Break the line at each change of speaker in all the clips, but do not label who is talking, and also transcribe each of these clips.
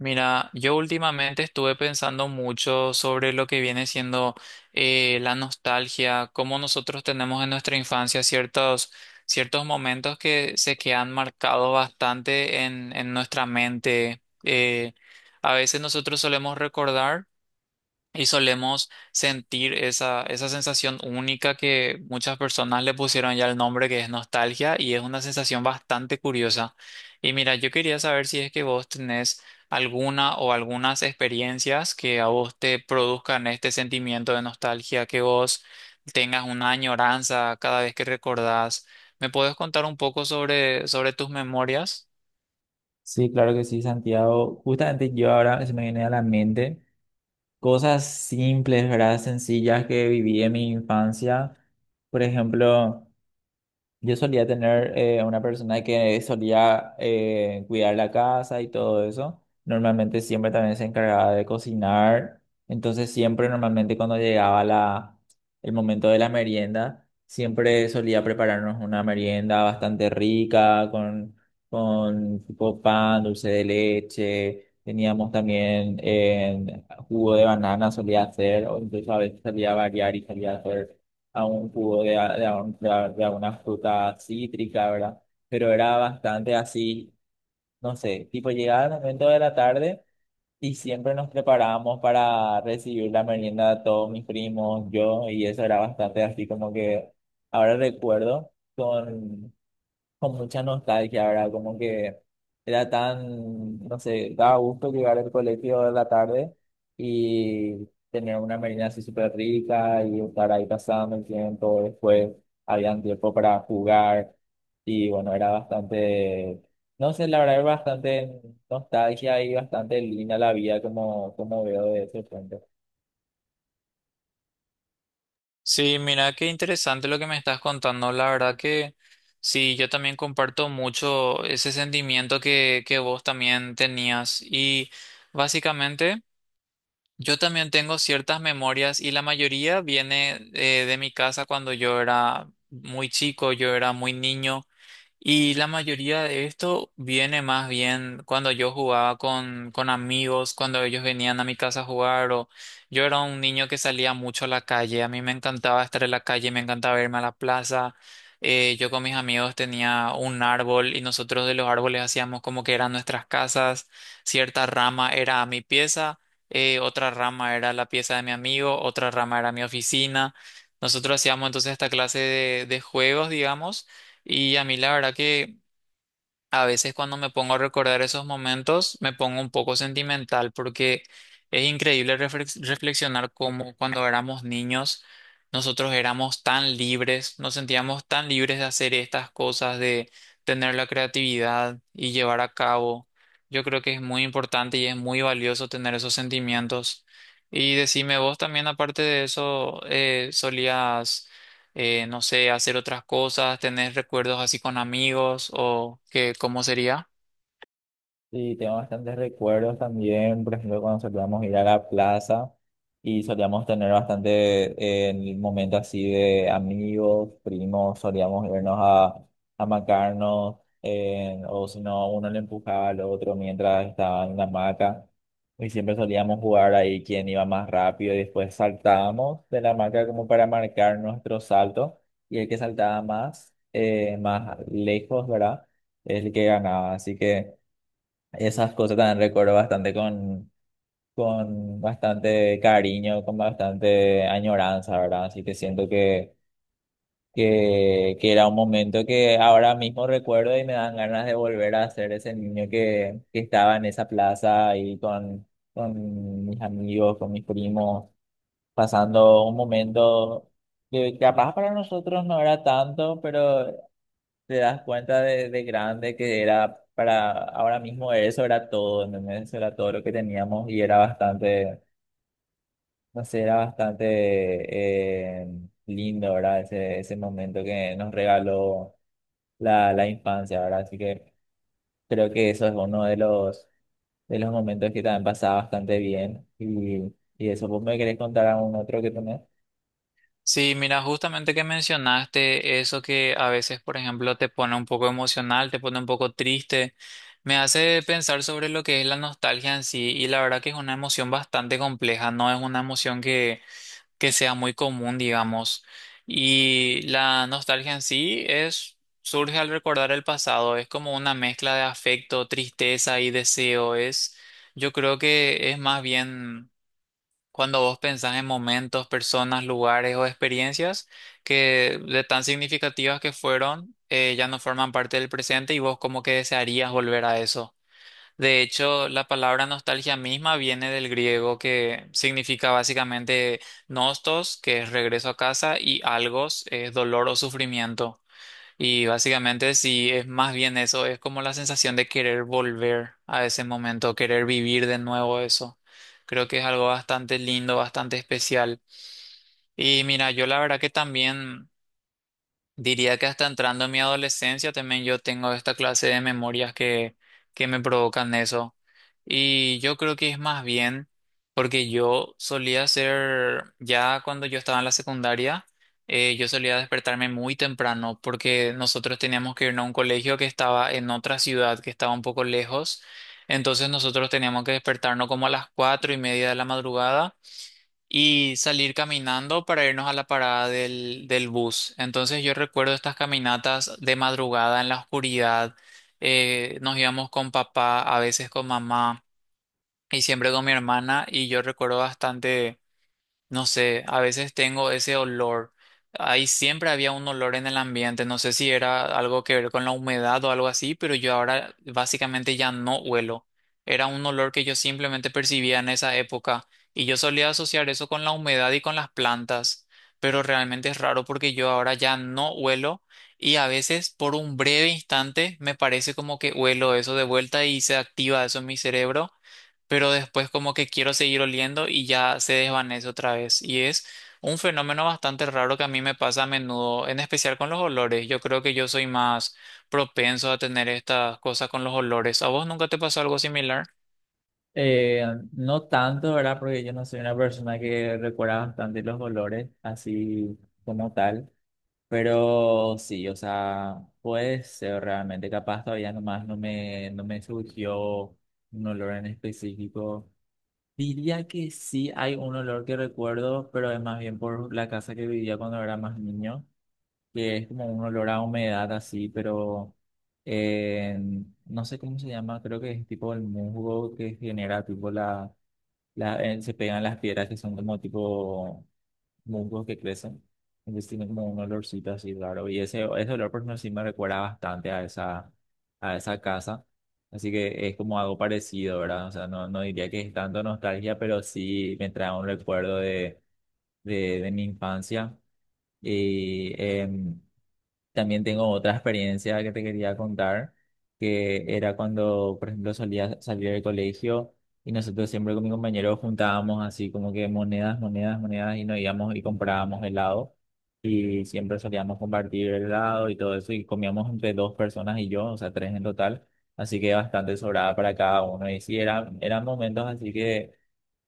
Mira, yo últimamente estuve pensando mucho sobre lo que viene siendo la nostalgia, cómo nosotros tenemos en nuestra infancia ciertos momentos que se quedan marcados bastante en nuestra mente. A veces nosotros solemos recordar. Y solemos sentir esa sensación única que muchas personas le pusieron ya el nombre que es nostalgia y es una sensación bastante curiosa. Y mira, yo quería saber si es que vos tenés alguna o algunas experiencias que a vos te produzcan este sentimiento de nostalgia, que vos tengas una añoranza cada vez que recordás. ¿Me puedes contar un poco sobre tus memorias?
Sí, claro que sí, Santiago. Justamente yo ahora se me viene a la mente cosas simples, ¿verdad? Sencillas que viví en mi infancia. Por ejemplo, yo solía tener una persona que solía cuidar la casa y todo eso. Normalmente siempre también se encargaba de cocinar. Entonces siempre normalmente cuando el momento de la merienda, siempre solía prepararnos una merienda bastante rica con tipo pan, dulce de leche. Teníamos también jugo de banana solía hacer, o incluso a veces solía variar y solía hacer a un jugo de, a un- de a- de alguna fruta cítrica, ¿verdad? Pero era bastante así, no sé, tipo llegaba el momento de la tarde y siempre nos preparábamos para recibir la merienda de todos mis primos, yo, y eso era bastante así como que ahora recuerdo con mucha nostalgia, ¿verdad? Como que era tan, no sé, daba gusto llegar al colegio de la tarde y tener una merienda así súper rica y estar ahí pasando el tiempo. Después habían tiempo para jugar y bueno, era bastante, no sé, la verdad, era bastante nostalgia y bastante linda la vida como, como veo de ese frente.
Sí, mira qué interesante lo que me estás contando. La verdad que sí, yo también comparto mucho ese sentimiento que vos también tenías. Y básicamente yo también tengo ciertas memorias y la mayoría viene de mi casa cuando yo era muy chico, yo era muy niño. Y la mayoría de esto viene más bien cuando yo jugaba con amigos, cuando ellos venían a mi casa a jugar, o yo era un niño que salía mucho a la calle, a mí me encantaba estar en la calle, me encantaba irme a la plaza, yo con mis amigos tenía un árbol y nosotros de los árboles hacíamos como que eran nuestras casas, cierta rama era mi pieza, otra rama era la pieza de mi amigo, otra rama era mi oficina, nosotros hacíamos entonces esta clase de juegos, digamos. Y a mí la verdad que a veces cuando me pongo a recordar esos momentos me pongo un poco sentimental porque es increíble reflexionar cómo cuando éramos niños nosotros éramos tan libres, nos sentíamos tan libres de hacer estas cosas, de tener la creatividad y llevar a cabo. Yo creo que es muy importante y es muy valioso tener esos sentimientos. Y decime vos también, aparte de eso, solías no sé, hacer otras cosas, tener recuerdos así con amigos o qué, ¿cómo sería?
Sí, tengo bastantes recuerdos también, por ejemplo, cuando solíamos ir a la plaza y solíamos tener bastante, el momento así de amigos, primos, a macarnos, o si no, uno le empujaba al otro mientras estaba en la hamaca y siempre solíamos jugar ahí quién iba más rápido y después saltábamos de la hamaca como para marcar nuestro salto y el que saltaba más, más lejos, ¿verdad? Es el que ganaba, así que... Esas cosas también recuerdo bastante con bastante cariño, con bastante añoranza, ¿verdad? Así que siento que era un momento que ahora mismo recuerdo y me dan ganas de volver a ser ese niño que estaba en esa plaza ahí con mis amigos, con mis primos, pasando un momento que capaz para nosotros no era tanto, pero te das cuenta de grande que era para ahora mismo eso era todo, ¿entendés? Eso era todo lo que teníamos y era bastante, no sé, era bastante lindo, ¿verdad? Ese momento que nos regaló la infancia, ¿verdad? Así que creo que eso es uno de los momentos que también pasaba bastante bien y eso, ¿vos me querés contar algún otro que tenés?
Sí, mira, justamente que mencionaste eso que a veces, por ejemplo, te pone un poco emocional, te pone un poco triste, me hace pensar sobre lo que es la nostalgia en sí y la verdad que es una emoción bastante compleja, no es una emoción que sea muy común, digamos. Y la nostalgia en sí es, surge al recordar el pasado, es como una mezcla de afecto, tristeza y deseo. Es, yo creo que es más bien cuando vos pensás en momentos, personas, lugares o experiencias que de tan significativas que fueron, ya no forman parte del presente y vos como que desearías volver a eso. De hecho, la palabra nostalgia misma viene del griego que significa básicamente nostos, que es regreso a casa, y algos, es dolor o sufrimiento. Y básicamente sí, es más bien eso, es como la sensación de querer volver a ese momento, querer vivir de nuevo eso. Creo que es algo bastante lindo, bastante especial. Y mira, yo la verdad que también... Diría que hasta entrando en mi adolescencia también yo tengo esta clase de memorias que me provocan eso. Y yo creo que es más bien porque yo solía ser, ya cuando yo estaba en la secundaria, yo solía despertarme muy temprano porque nosotros teníamos que irnos a un colegio que estaba en otra ciudad, que estaba un poco lejos. Entonces nosotros teníamos que despertarnos como a las cuatro y media de la madrugada y salir caminando para irnos a la parada del bus. Entonces yo recuerdo estas caminatas de madrugada en la oscuridad. Nos íbamos con papá, a veces con mamá y siempre con mi hermana y yo recuerdo bastante... No sé, a veces tengo ese olor. Ahí siempre había un olor en el ambiente. No sé si era algo que ver con la humedad o algo así, pero yo ahora básicamente ya no huelo. Era un olor que yo simplemente percibía en esa época y yo solía asociar eso con la humedad y con las plantas, pero realmente es raro porque yo ahora ya no huelo y a veces por un breve instante me parece como que huelo eso de vuelta y se activa eso en mi cerebro pero después como que quiero seguir oliendo y ya se desvanece otra vez. Y es un fenómeno bastante raro que a mí me pasa a menudo, en especial con los olores. Yo creo que yo soy más propenso a tener estas cosas con los olores. ¿A vos nunca te pasó algo similar?
Eh, no tanto, ¿verdad? Porque yo no soy una persona que recuerda bastante los olores, así como tal. Pero sí, o sea, puede ser realmente capaz todavía nomás no me surgió un olor en específico. Diría que sí hay un olor que recuerdo, pero es más bien por la casa que vivía cuando era más niño, que es como un olor a humedad así, pero eh, no sé cómo se llama, creo que es tipo el musgo que genera tipo la, la se pegan las piedras que son como tipo musgos que crecen. Entonces tiene como un olorcito así raro. Y ese olor por sí me recuerda bastante a a esa casa. Así que es como algo parecido, ¿verdad? O sea, no, no diría que es tanto nostalgia, pero sí me trae un recuerdo de mi infancia. Y también tengo otra experiencia que te quería contar, que era cuando, por ejemplo, solía salir del colegio y nosotros siempre con mi compañero juntábamos así como que monedas, monedas, monedas y nos íbamos y comprábamos helado y siempre solíamos compartir el helado y todo eso y comíamos entre dos personas y yo, o sea, tres en total, así que bastante sobrada para cada uno y sí, era, eran momentos así que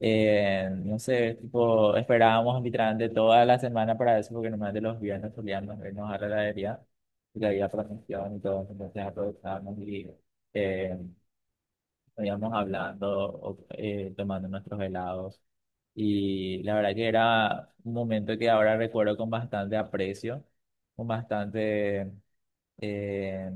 no sé, tipo, esperábamos literalmente toda la semana para eso, porque normalmente los viernes solíamos irnos a la heladería, porque había promoción y todo, entonces aprovechábamos y eh, íbamos hablando, tomando nuestros helados. Y la verdad que era un momento que ahora recuerdo con bastante aprecio, con bastante eh,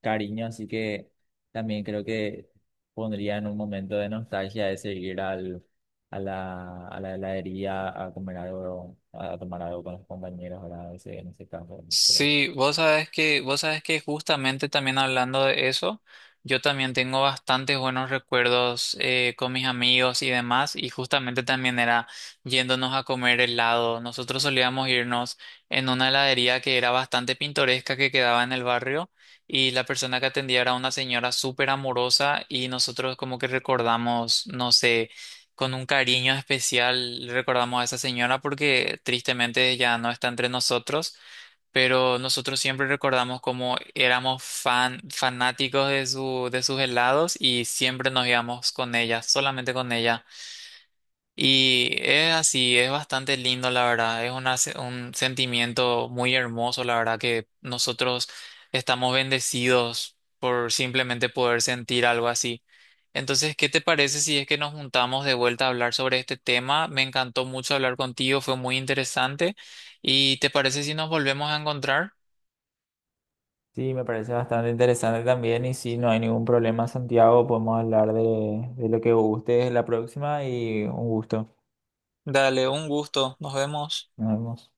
cariño, así que también creo que pondría en un momento de nostalgia ese ir a la heladería a comer algo, a tomar algo con los compañeros, ¿verdad? Ese, en ese caso, creo. Que
Sí, vos sabés que justamente también hablando de eso, yo también tengo bastantes buenos recuerdos con mis amigos y demás, y justamente también era yéndonos a comer helado. Nosotros solíamos irnos en una heladería que era bastante pintoresca que quedaba en el barrio, y la persona que atendía era una señora súper amorosa, y nosotros como que recordamos, no sé, con un cariño especial recordamos a esa señora porque tristemente ya no está entre nosotros, pero nosotros siempre recordamos cómo éramos fanáticos de de sus helados y siempre nos íbamos con ella, solamente con ella. Y es así, es bastante lindo, la verdad. Es una un sentimiento muy hermoso, la verdad, que nosotros estamos bendecidos por simplemente poder sentir algo así. Entonces, ¿qué te parece si es que nos juntamos de vuelta a hablar sobre este tema? Me encantó mucho hablar contigo, fue muy interesante. ¿Y te parece si nos volvemos a encontrar?
sí, me parece bastante interesante también y si no hay ningún problema, Santiago, podemos hablar de lo que guste la próxima y un gusto.
Dale, un gusto. Nos vemos.
Nos vemos.